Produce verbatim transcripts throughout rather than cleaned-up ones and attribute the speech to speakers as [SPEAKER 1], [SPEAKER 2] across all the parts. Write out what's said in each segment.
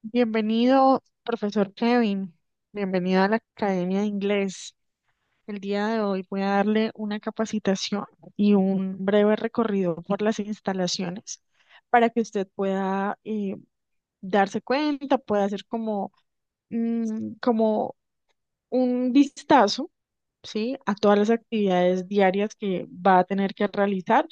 [SPEAKER 1] Bienvenido, profesor Kevin. Bienvenido a la Academia de Inglés. El día de hoy voy a darle una capacitación y un breve recorrido por las instalaciones para que usted pueda eh, darse cuenta, pueda hacer como, mm, como un vistazo, ¿sí? A todas las actividades diarias que va a tener que realizar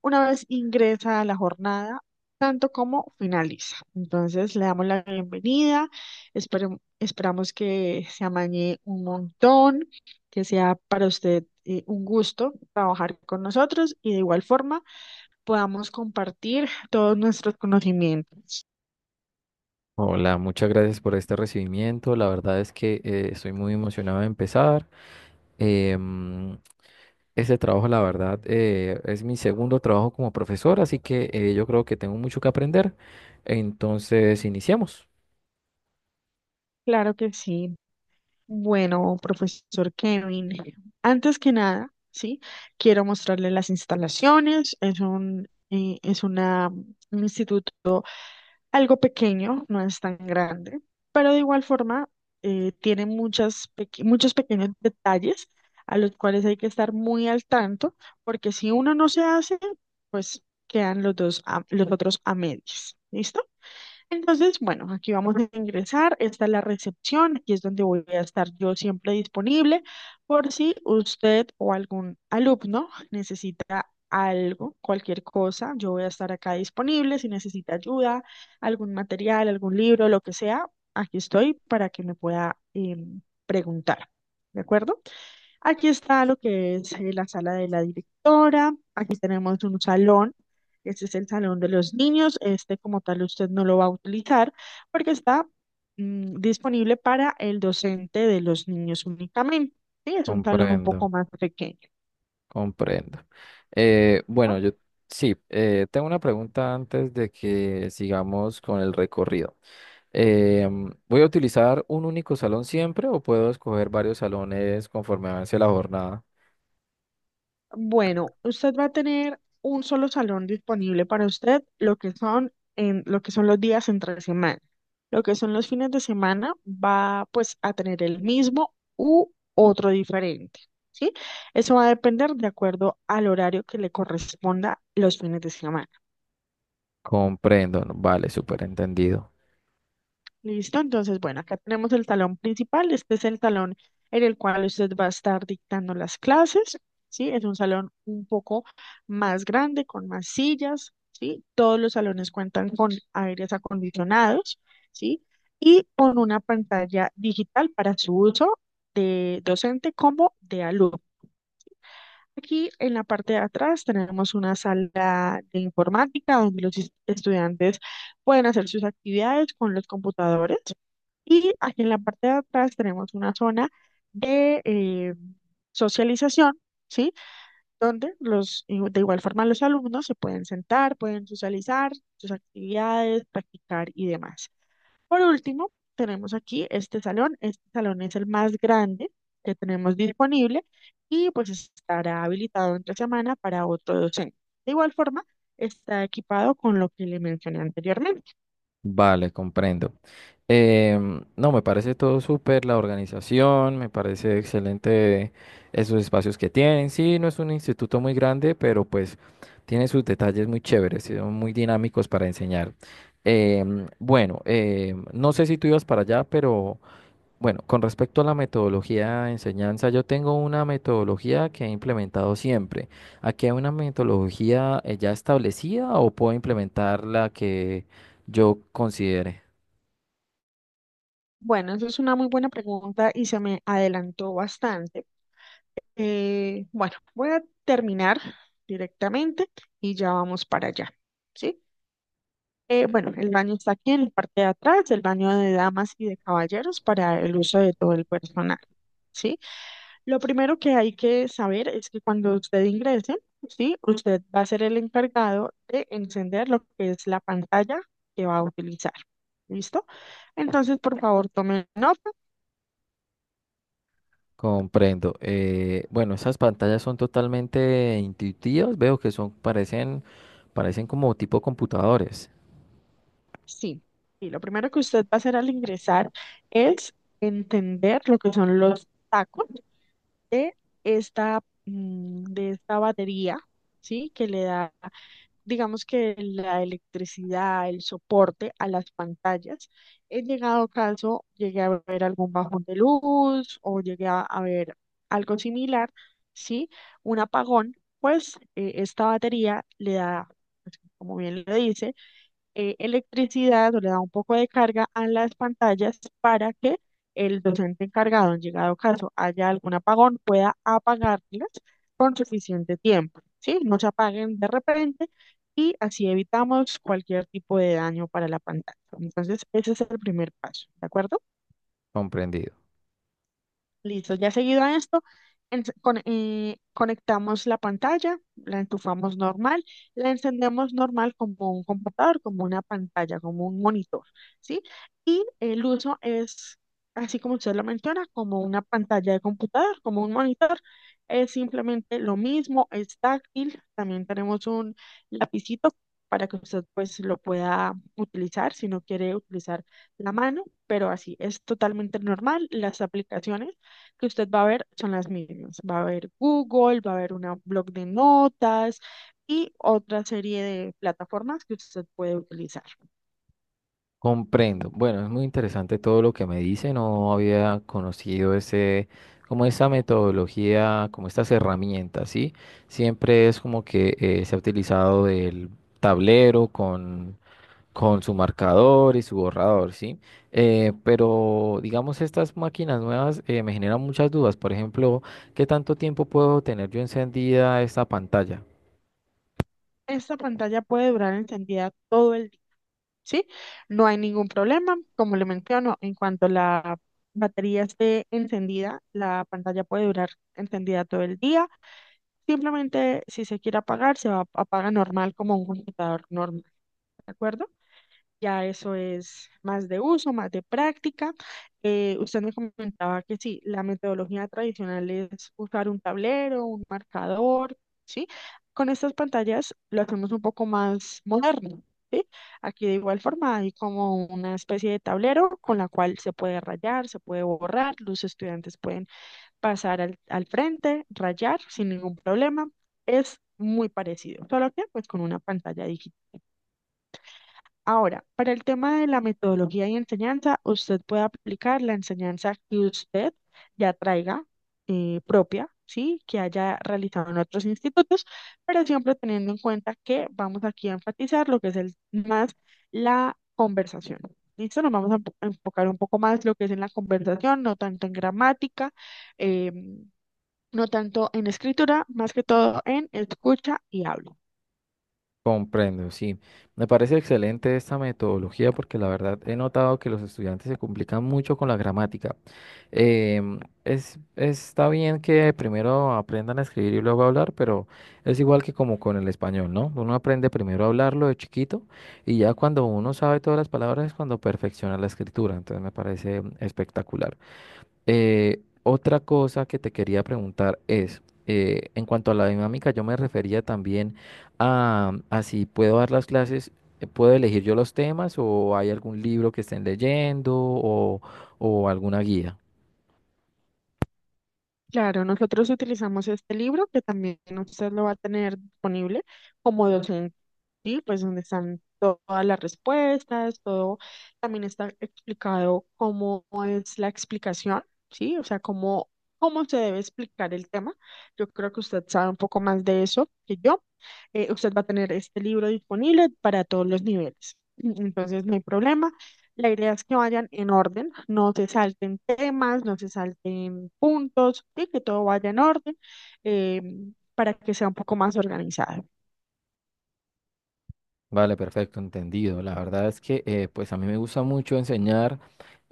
[SPEAKER 1] una vez ingresa a la jornada, tanto como finaliza. Entonces le damos la bienvenida, esperem- esperamos que se amañe un montón, que sea para usted eh, un gusto trabajar con nosotros y de igual forma podamos compartir todos nuestros conocimientos.
[SPEAKER 2] Hola, muchas gracias por este recibimiento. La verdad es que eh, estoy muy emocionado de empezar. Eh, mm, este trabajo, la verdad, eh, es mi segundo trabajo como profesor, así que eh, yo creo que tengo mucho que aprender. Entonces, iniciemos.
[SPEAKER 1] Claro que sí. Bueno, profesor Kevin, antes que nada, sí, quiero mostrarle las instalaciones. Es un, eh, es una, un instituto algo pequeño, no es tan grande, pero de igual forma eh, tiene muchas peque- muchos pequeños detalles a los cuales hay que estar muy al tanto, porque si uno no se hace, pues quedan los dos a- los otros a medias. ¿Listo? Entonces, bueno, aquí vamos a ingresar. Esta es la recepción. Aquí es donde voy a estar yo siempre disponible por si usted o algún alumno necesita algo, cualquier cosa. Yo voy a estar acá disponible. Si necesita ayuda, algún material, algún libro, lo que sea, aquí estoy para que me pueda em, preguntar. ¿De acuerdo? Aquí está lo que es eh, la sala de la directora. Aquí tenemos un salón. Este es el salón de los niños. Este como tal usted no lo va a utilizar porque está mm, disponible para el docente de los niños únicamente. Sí, es un salón un
[SPEAKER 2] Comprendo,
[SPEAKER 1] poco más pequeño.
[SPEAKER 2] comprendo. Eh, bueno, yo sí, eh, tengo una pregunta antes de que sigamos con el recorrido. Eh, mm, ¿voy a utilizar un único salón siempre o puedo escoger varios salones conforme avance la jornada?
[SPEAKER 1] Bueno, usted va a tener un solo salón disponible para usted, lo que son en lo que son los días entre semana. Lo que son los fines de semana va pues a tener el mismo u otro diferente, ¿sí? Eso va a depender de acuerdo al horario que le corresponda los fines de semana.
[SPEAKER 2] Comprendo, no, vale, súper entendido.
[SPEAKER 1] Listo, entonces, bueno, acá tenemos el salón principal. Este es el salón en el cual usted va a estar dictando las clases, ¿sí? Es un salón un poco más grande, con más sillas, ¿sí? Todos los salones cuentan con aires acondicionados, ¿sí? Y con una pantalla digital para su uso de docente como de alumno. Aquí en la parte de atrás tenemos una sala de informática donde los es- estudiantes pueden hacer sus actividades con los computadores. Y aquí en la parte de atrás tenemos una zona de eh, socialización, ¿sí? Donde los, igu- de igual forma los alumnos se pueden sentar, pueden socializar sus actividades, practicar y demás. Por último, tenemos aquí este salón. Este salón es el más grande que tenemos disponible y pues estará habilitado entre semana para otro docente. De igual forma, está equipado con lo que le mencioné anteriormente.
[SPEAKER 2] Vale, comprendo. Em, no, me parece todo súper, la organización, me parece excelente esos espacios que tienen. Sí, no es un instituto muy grande, pero pues tiene sus detalles muy chéveres, sí, son muy dinámicos para enseñar. Em, bueno, em, no sé si tú ibas para allá, pero... Bueno, con respecto a la metodología de enseñanza, yo tengo una metodología que he implementado siempre. ¿Aquí hay una metodología eh, ya establecida o puedo implementar la que yo considere?
[SPEAKER 1] Bueno, esa es una muy buena pregunta y se me adelantó bastante. Eh, bueno, voy a terminar directamente y ya vamos para allá, ¿sí? Eh, bueno, el baño está aquí en la parte de atrás, el baño de damas y de caballeros para el uso de todo el personal, ¿sí? Lo primero que hay que saber es que cuando usted ingrese, ¿sí? Usted va a ser el encargado de encender lo que es la pantalla que va a utilizar, ¿listo? Entonces, por favor, tome nota.
[SPEAKER 2] Comprendo. Eh, bueno, esas pantallas son totalmente intuitivas. Veo que son, parecen, parecen como tipo computadores.
[SPEAKER 1] Sí, y lo primero que usted va a hacer al ingresar es entender lo que son los tacos, de esta, mm, de esta batería, ¿sí? Que le da, digamos que la electricidad, el soporte a las pantallas. En llegado caso, llegué a ver algún bajón de luz o llegué a, a ver algo similar, ¿sí? Un apagón, pues eh, esta batería le da, pues, como bien lo dice, eh, electricidad o le da un poco de carga a las pantallas para que el docente encargado, en llegado caso haya algún apagón, pueda apagarlas con suficiente tiempo, ¿sí? No se apaguen de repente y así evitamos cualquier tipo de daño para la pantalla. Entonces, ese es el primer paso, ¿de acuerdo?
[SPEAKER 2] Comprendido.
[SPEAKER 1] Listo, ya seguido a esto, en- con- eh, conectamos la pantalla, la entufamos normal, la encendemos normal como un computador, como una pantalla, como un monitor, ¿sí? Y el uso es, así como usted lo menciona, como una pantalla de computador, como un monitor. Es simplemente lo mismo, es táctil, también tenemos un lapicito para que usted pues lo pueda utilizar si no quiere utilizar la mano, pero así es totalmente normal. Las aplicaciones que usted va a ver son las mismas. Va a haber Google, va a haber una blog de notas y otra serie de plataformas que usted puede utilizar.
[SPEAKER 2] Comprendo. Bueno, es muy interesante todo lo que me dice. No había conocido ese, como esa metodología, como estas herramientas, ¿sí? Siempre es como que eh, se ha utilizado el tablero con, con su marcador y su borrador, ¿sí? Eh, pero, digamos, estas máquinas nuevas eh, me generan muchas dudas. Por ejemplo, ¿qué tanto tiempo puedo tener yo encendida esta pantalla?
[SPEAKER 1] Esta pantalla puede durar encendida todo el día, ¿sí? No hay ningún problema. Como le menciono, en cuanto la batería esté encendida, la pantalla puede durar encendida todo el día. Simplemente, si se quiere apagar, se va- apaga normal como un computador normal, ¿de acuerdo? Ya eso es más de uso, más de práctica. Eh, usted me comentaba que sí, la metodología tradicional es usar un tablero, un marcador, ¿sí? Con estas pantallas lo hacemos un poco más moderno, ¿sí? Aquí de igual forma hay como una especie de tablero con la cual se puede rayar, se puede borrar, los estudiantes pueden pasar al, al frente, rayar sin ningún problema. Es muy parecido, solo que pues con una pantalla. Ahora, para el tema de la metodología y enseñanza, usted puede aplicar la enseñanza que usted ya traiga eh, propia, ¿sí? Que haya realizado en otros institutos, pero siempre teniendo en cuenta que vamos aquí a enfatizar lo que es el, más la conversación. ¿Listo? Nos vamos a enfo- a enfocar un poco más lo que es en la conversación, no tanto en gramática, eh, no tanto en escritura, más que todo en escucha y habla.
[SPEAKER 2] Comprendo, sí. Me parece excelente esta metodología porque la verdad he notado que los estudiantes se complican mucho con la gramática. Em, es, está bien que primero aprendan a escribir y luego a hablar, pero es igual que como con el español, ¿no? Uno aprende primero a hablarlo de chiquito y ya cuando uno sabe todas las palabras es cuando perfecciona la escritura. Entonces me parece espectacular. Eh, otra cosa que te quería preguntar es, eh, en cuanto a la dinámica, yo me refería también a, a si puedo dar las clases, eh, puedo elegir yo los temas o hay algún libro que estén leyendo o, o alguna guía.
[SPEAKER 1] Claro, nosotros utilizamos este libro que también usted lo va a tener disponible como docente, ¿sí? Pues donde están to- todas las respuestas, todo también está explicado cómo es la explicación, ¿sí? O sea, cómo, cómo se debe explicar el tema. Yo creo que usted sabe un poco más de eso que yo. Eh, usted va a tener este libro disponible para todos los niveles. Entonces, no hay problema. La idea es que vayan en orden, no se salten temas, no se salten puntos, y que todo vaya en orden eh, para que sea un poco más organizado.
[SPEAKER 2] Vale, perfecto, entendido. La verdad es que eh, pues a mí me gusta mucho enseñar.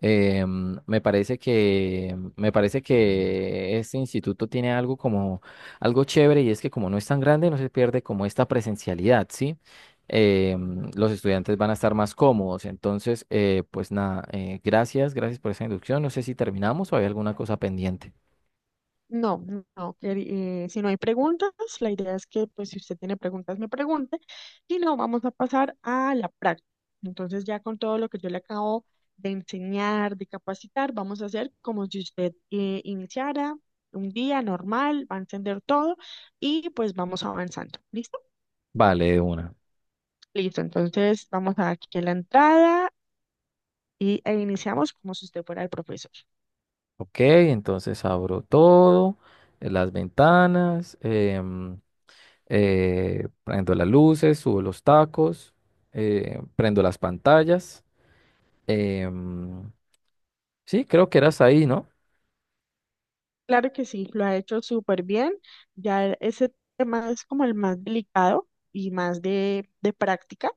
[SPEAKER 2] eh, mm, Me parece que me parece que este instituto tiene algo como algo chévere y es que como no es tan grande no se pierde como esta presencialidad, ¿sí? Eh, mm, los estudiantes van a estar más cómodos. Entonces, eh, pues nada, eh, gracias, gracias por esa inducción. No sé si terminamos o hay alguna cosa pendiente.
[SPEAKER 1] No, no, queri- eh, si no hay preguntas, la idea es que pues si usted tiene preguntas me pregunte, si no, vamos a pasar a la práctica. Entonces ya con todo lo que yo le acabo de enseñar, de capacitar, vamos a hacer como si usted eh, iniciara un día normal, va a entender todo y pues vamos avanzando. ¿Listo?
[SPEAKER 2] Vale, de una.
[SPEAKER 1] Listo, entonces vamos a dar aquí la entrada y, e iniciamos como si usted fuera el profesor.
[SPEAKER 2] Ok, entonces abro todo, eh, las ventanas. Em, eh, prendo las luces, subo los tacos, eh, prendo las pantallas. Em, sí, creo que eras ahí, ¿no?
[SPEAKER 1] Claro que sí, lo ha hecho súper bien. Ya ese tema es como el más delicado y más de, de práctica,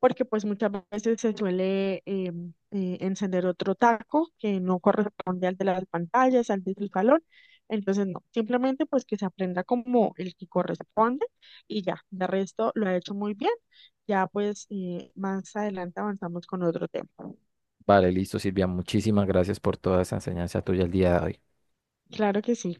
[SPEAKER 1] porque pues muchas veces se suele eh, eh, encender otro taco que no corresponde al de las pantallas, al del salón. Entonces, no, simplemente pues que se aprenda como el que corresponde y ya, de resto lo ha hecho muy bien. Ya pues eh, más adelante avanzamos con otro tema.
[SPEAKER 2] Vale, listo, Silvia. Muchísimas gracias por toda esa enseñanza tuya el día de hoy.
[SPEAKER 1] Claro que sí.